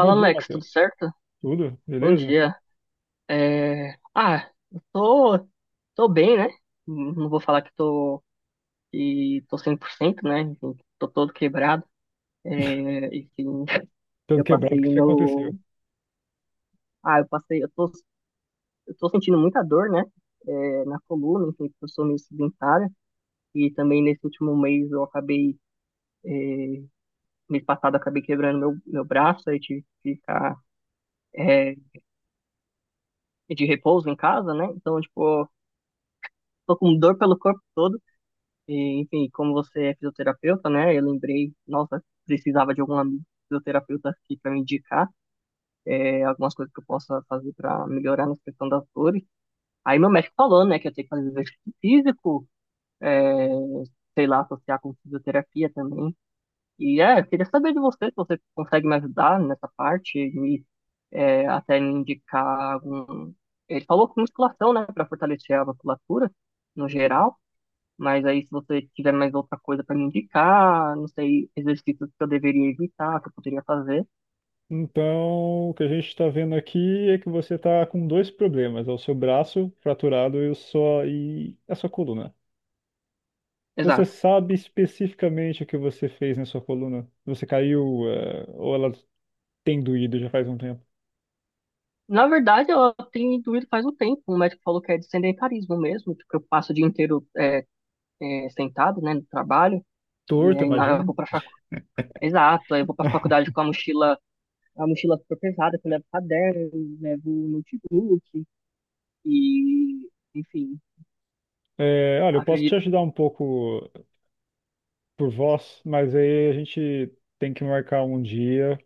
Bom dia, Alex, tudo Matheus. certo? Tudo? Bom Beleza? dia. É, Ah, eu tô, tô bem, né? Não vou falar que tô 100%, né? Enfim, tô todo quebrado. Enfim, Tudo eu quebrado, o passei que que no... aconteceu? Ah, eu passei... eu tô sentindo muita dor, né? É, na coluna, enfim, porque eu sou meio sedentária. E também nesse último mês eu acabei... é, mês passado eu acabei quebrando meu braço, aí tive que ficar é, de repouso em casa, né? Então, tipo, tô com dor pelo corpo todo. E, enfim, como você é fisioterapeuta, né? Eu lembrei, nossa, precisava de algum amigo fisioterapeuta aqui para me indicar algumas coisas que eu possa fazer para melhorar na questão das dores. Aí meu médico falou, né, que eu tenho que fazer exercício físico, é, sei lá, associar com fisioterapia também. E é, eu queria saber de você se você consegue me ajudar nessa parte, me, é, até me indicar algum. Ele falou com musculação, né, para fortalecer a musculatura no geral. Mas aí, se você tiver mais outra coisa para me indicar, não sei, exercícios que eu deveria evitar, que eu poderia fazer. Então, o que a gente está vendo aqui é que você está com dois problemas, é o seu braço fraturado e, a sua coluna. Você Exato. sabe especificamente o que você fez na sua coluna? Você caiu, ou ela tem doído já faz um tempo? Na verdade, eu tenho intuído faz um tempo. O médico falou que é de sedentarismo mesmo, porque eu passo o dia inteiro sentado, né, no trabalho. E Torto, aí na hora eu imagino. vou pra faculdade. Exato, aí eu vou pra faculdade com a mochila super pesada, que eu levo caderno, eu levo notebook, e enfim, É, olha, eu posso te acredito. ajudar um pouco por voz, mas aí a gente tem que marcar um dia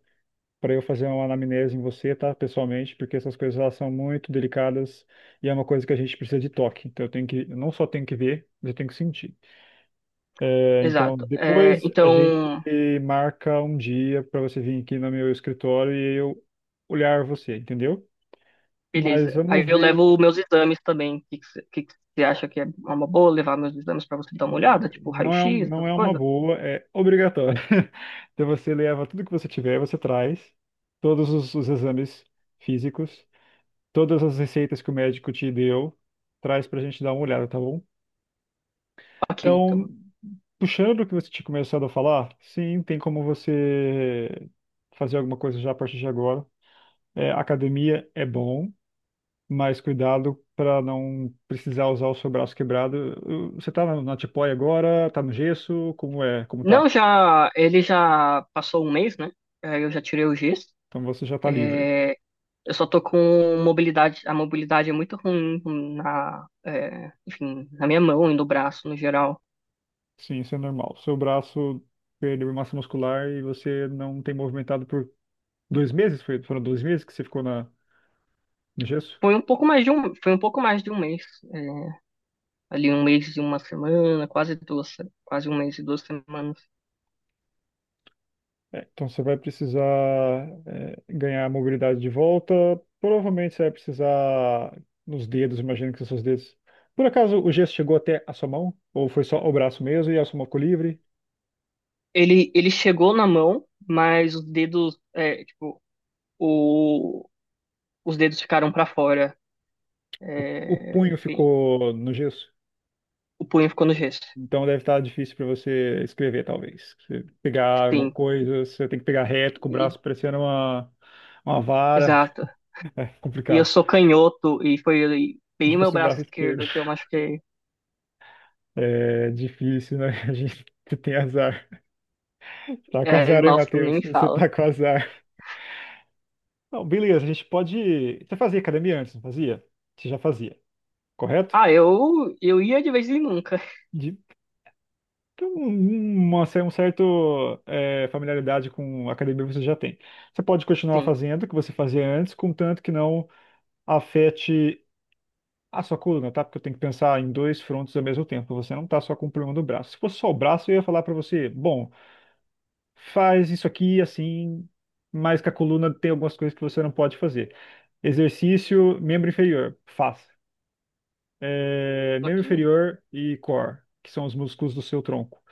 para eu fazer uma anamnese em você, tá? Pessoalmente, porque essas coisas elas são muito delicadas e é uma coisa que a gente precisa de toque. Então eu não só tenho que ver, mas eu tenho que sentir. É, então Exato. É, depois a gente então, marca um dia para você vir aqui no meu escritório e eu olhar você, entendeu? Mas beleza. Aí vamos eu ver, levo meus exames também. O que que cê- que você acha que é uma boa levar meus exames para você dar uma olhada? Tipo, não é, um- raio-x, não essas é uma coisas? boa, é obrigatório. Então você leva tudo que você tiver, você traz todos os exames físicos todas as receitas que o médico te deu, traz para a gente dar uma olhada, tá bom? Ok, Então, então. puxando o que você tinha começado a falar, sim, tem como você fazer alguma coisa já a partir de agora. É, academia é bom, mas cuidado para não precisar usar o seu braço quebrado. Você tá na tipoia agora, tá no gesso, como tá? Não, já. Ele já passou um mês, né? Aí eu já tirei o giz. Então você já tá livre. É, eu só tô com mobilidade. A mobilidade é muito ruim na. Enfim, na minha mão e no braço, no geral. Sim, isso é normal. Seu braço perdeu massa muscular e você não tem movimentado por 2 meses? Foram 2 meses que você ficou na no gesso? Foi um pouco mais de um mês. é, ali um mês e uma semana, quase duas, quase um mês e duas semanas. É, então você vai precisar ganhar a mobilidade de volta. Provavelmente você vai precisar nos dedos, imagino que são seus dedos. Por acaso o gesso chegou até a sua mão? Ou foi só o braço mesmo e a sua mão ficou livre? Ele chegou na mão, mas os dedos, é, tipo, o, os dedos ficaram pra fora. O É, punho enfim, ficou no gesso? o punho ficou no gesso. Então deve estar difícil para você escrever, talvez. Você pegar alguma Sim, coisa, você tem que pegar reto com o e- braço parecendo uma vara. exato. É E eu complicado. sou canhoto e foi bem meu Justo o braço braço esquerdo. esquerdo que eu machuquei. É difícil, né? A gente tem azar. Tá com É, azar, hein, nossa, nem Matheus? me Você fala. tá com azar. Não, beleza, a gente pode. Você fazia academia antes, não fazia? Você já fazia, correto? Ah, eu ia de vez em nunca. De... Então, um certo familiaridade com a academia você já tem. Você pode continuar Sim, fazendo o que você fazia antes, contanto que não afete a sua coluna, tá? Porque eu tenho que pensar em dois frontes ao mesmo tempo. Você não tá só com o problema do braço. Se fosse só o braço, eu ia falar pra você, bom, faz isso aqui assim, mas que a coluna tem algumas coisas que você não pode fazer. Exercício, membro inferior, faça. É, membro ok, inferior e core, que são os músculos do seu tronco.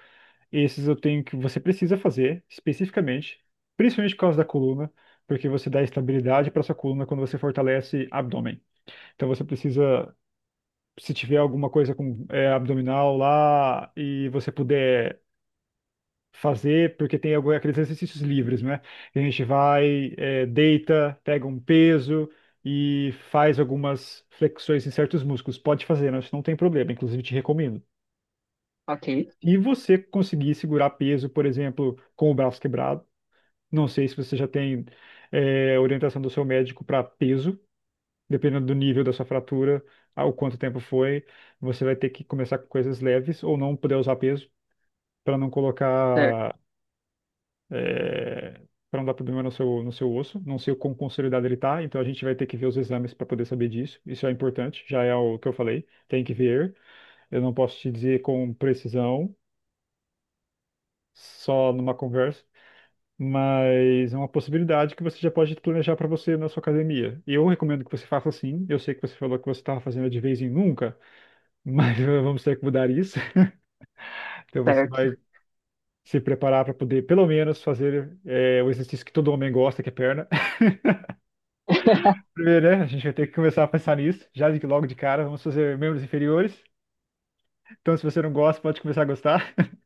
Esses eu tenho que você precisa fazer especificamente, principalmente por causa da coluna, porque você dá estabilidade para sua coluna quando você fortalece abdômen. Então você precisa, se tiver alguma coisa com abdominal lá e você puder fazer, porque tem aqueles exercícios livres, né? A gente vai, deita, pega um peso e faz algumas flexões em certos músculos. Pode fazer, né? Isso não tem problema, inclusive te recomendo. ok, E você conseguir segurar peso, por exemplo, com o braço quebrado, não sei se você já tem, orientação do seu médico para peso, dependendo do nível da sua fratura, ao quanto tempo foi, você vai ter que começar com coisas leves ou não poder usar peso. Para não certo, colocar é, para não dar problema no seu osso. Não sei o quão consolidado ele está, então a gente vai ter que ver os exames para poder saber disso. Isso é importante, já é o que eu falei, tem que ver. Eu não posso te dizer com precisão, só numa conversa, mas é uma possibilidade que você já pode planejar para você na sua academia. E eu recomendo que você faça assim. Eu sei que você falou que você estava fazendo de vez em nunca, mas vamos ter que mudar isso. Então você certo. vai se preparar para poder, pelo menos, fazer o exercício que todo homem gosta, que é perna. Primeiro, né? A gente vai ter que começar a pensar nisso, logo de cara. Vamos fazer membros inferiores. Então, se você não gosta, pode começar a gostar.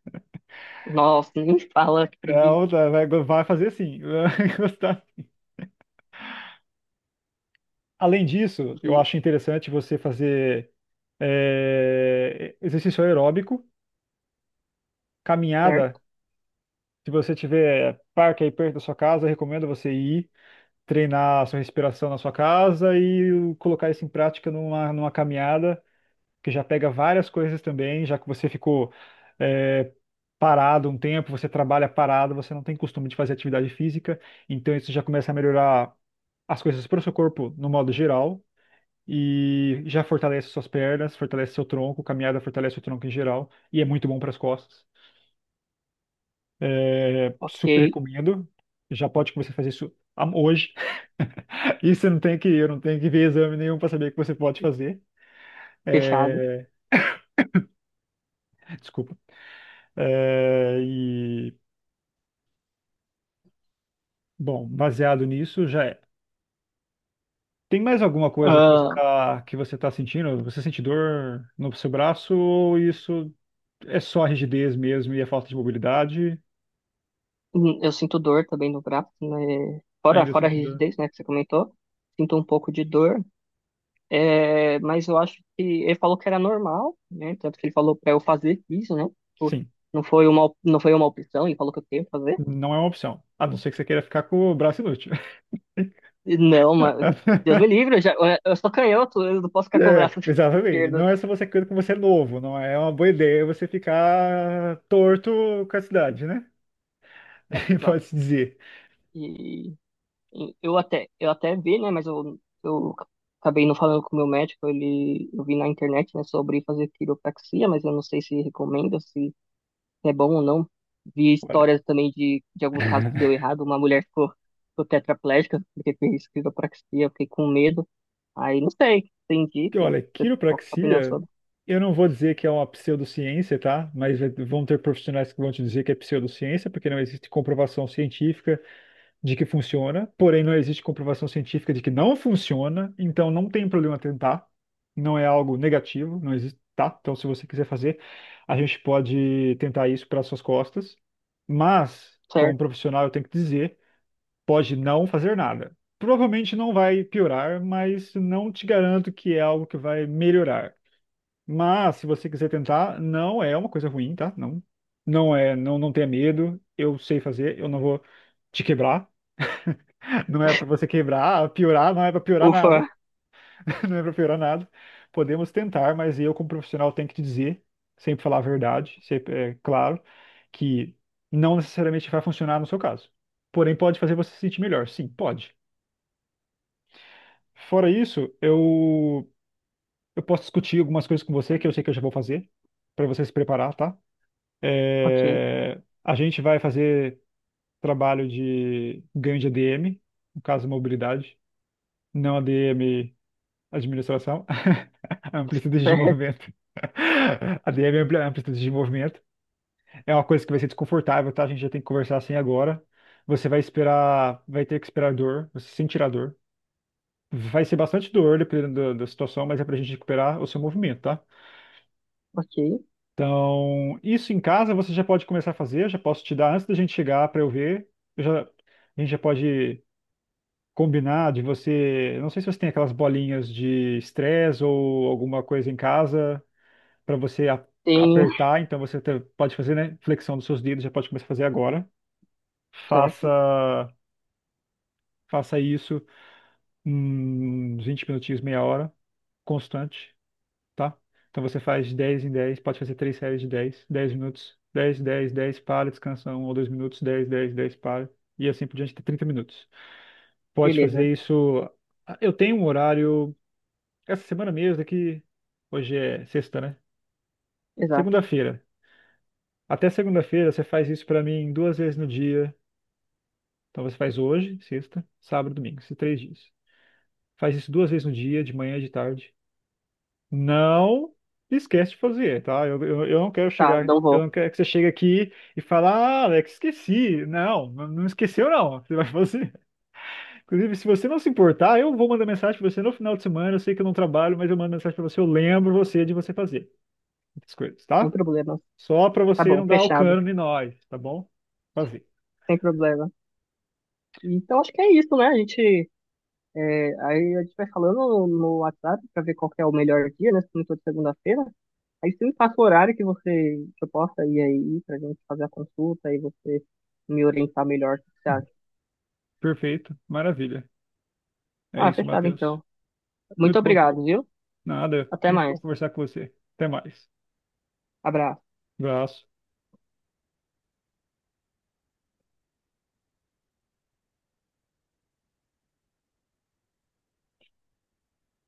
Nossa, nem me fala, que preguiça. Então, tá, vai, vai fazer sim. Vai gostar. Além disso, eu de- acho interessante você fazer exercício aeróbico, caminhada. Certo, Se você tiver parque aí perto da sua casa, eu recomendo você ir treinar a sua respiração na sua casa e colocar isso em prática numa caminhada que já pega várias coisas também, já que você ficou é, parado um tempo, você trabalha parado, você não tem costume de fazer atividade física, então isso já começa a melhorar as coisas para o seu corpo no modo geral. E já fortalece suas pernas, fortalece seu tronco, caminhada fortalece o tronco em geral, e é muito bom para as costas. É, super ok, recomendo. Já pode começar a fazer isso hoje. E você não tem que, eu não tenho que ver exame nenhum para saber que você pode fazer. fechado. É, desculpa. É, bom, baseado nisso, já é. Tem mais alguma coisa que você Ah, tá, que você tá sentindo? Você sente dor no seu braço ou isso é só a rigidez mesmo e a falta de mobilidade? Eu sinto dor também no braço, né? Ainda Fora a sente dor? rigidez, né, que você comentou. Sinto um pouco de dor, é, mas eu acho que ele falou que era normal, né? Tanto que ele falou para eu fazer isso, né? Tipo, Sim, não foi uma opção, ele falou que eu tenho que fazer. não é uma opção. A não ser que você queira ficar com o braço inútil. E não, mas Deus me livre, eu sou canhoto, eu não posso ficar com o É, braço exatamente. esquerdo. Não é só você querendo que você é novo, não é uma boa ideia você ficar torto com a cidade, né? É, exato. Pode-se dizer. E eu até vi, né? Mas eu acabei não falando com o meu médico. Eu vi na internet, né, sobre fazer quiropraxia, mas eu não sei se recomenda, se é bom ou não. Vi histórias também de alguns casos que deu errado. Ficou tetraplégica porque fez quiropraxia, eu fiquei com medo. Aí não sei, tem dica? Olha, Qual que é a sua opinião quiropraxia, sobre? eu não vou dizer que é uma pseudociência, tá? Mas vão ter profissionais que vão te dizer que é pseudociência, porque não existe comprovação científica de que funciona, porém não existe comprovação científica de que não funciona, então não tem problema tentar, não é algo negativo, não existe, tá? Então se você quiser fazer, a gente pode tentar isso para suas costas, mas como Certo. profissional eu tenho que dizer pode não fazer nada. Provavelmente não vai piorar, mas não te garanto que é algo que vai melhorar. Mas se você quiser tentar, não é uma coisa ruim, tá? Não, não é, não, não tenha medo. Eu sei fazer, eu não vou te quebrar. Não é para você quebrar, piorar, não é para piorar Ufa, nada, não é para piorar nada. Podemos tentar, mas eu como profissional tenho que te dizer, sempre falar a verdade, sempre, é claro, que não necessariamente vai funcionar no seu caso. Porém, pode fazer você se sentir melhor. Sim, pode. Fora isso, eu posso discutir algumas coisas com você que eu sei que eu já vou fazer, para você se preparar, tá? ok, É, a gente vai fazer trabalho de ganho de ADM, no caso, mobilidade, não ADM administração, amplitude de certo, movimento. ADM é amplitude de movimento. É uma coisa que vai ser desconfortável, tá? A gente já tem que conversar assim agora. Você vai esperar, vai ter que esperar dor, você sentirá dor. Vai ser bastante dor, dependendo da situação, mas é pra gente recuperar o seu movimento, tá? ok. Então, isso em casa você já pode começar a fazer, eu já posso te dar antes da gente chegar pra eu ver. A gente já pode combinar de você. Eu não sei se você tem aquelas bolinhas de estresse ou alguma coisa em casa pra você Tenho, apertar, então você até pode fazer, né? Flexão dos seus dedos, já pode começar a fazer agora. certo, Faça, faça isso uns 20 minutinhos, meia hora, constante. Tá? Então você faz 10 em 10 pode fazer três séries de 10 10 minutos, 10 10 10 para, descansa 1 ou 2 minutos, 10 10 10 para, e assim por diante, até 30 minutos. Pode beleza, fazer isso. Eu tenho um horário, essa semana mesmo, aqui, hoje é sexta, né? exato. Segunda-feira. Até segunda-feira você faz isso pra mim duas vezes no dia. Então você faz hoje, sexta, sábado, domingo, esses 3 dias. Faz isso duas vezes no dia, de manhã e de tarde. Não esquece de fazer, tá? Eu não quero Tá, chegar, não eu vou, não quero que você chegue aqui e fale, ah, Alex, esqueci. Não, não esqueceu, não. Você vai fazer. Inclusive, se você não se importar, eu vou mandar mensagem para você no final de semana. Eu sei que eu não trabalho, mas eu mando mensagem para você, eu lembro você de você fazer essas coisas, sem tá? problemas. Só para Tá você bom, não dar o fechado, cano em nós, tá bom? Fazer. sem problema. Então acho que é isso, né? A gente, é, aí a gente vai falando no WhatsApp para ver qual que é o melhor dia, né? Se não for de segunda-feira. Aí você me passa o horário que você que eu possa ir aí pra gente fazer a consulta e você me orientar melhor, o que você Uhum. acha? Perfeito, maravilha. É Ah, isso, fechado Matheus. então. Muito Muito bom, obrigado, viu? nada, Até muito bom mais. conversar com você. Até mais. Abraço. Abraço.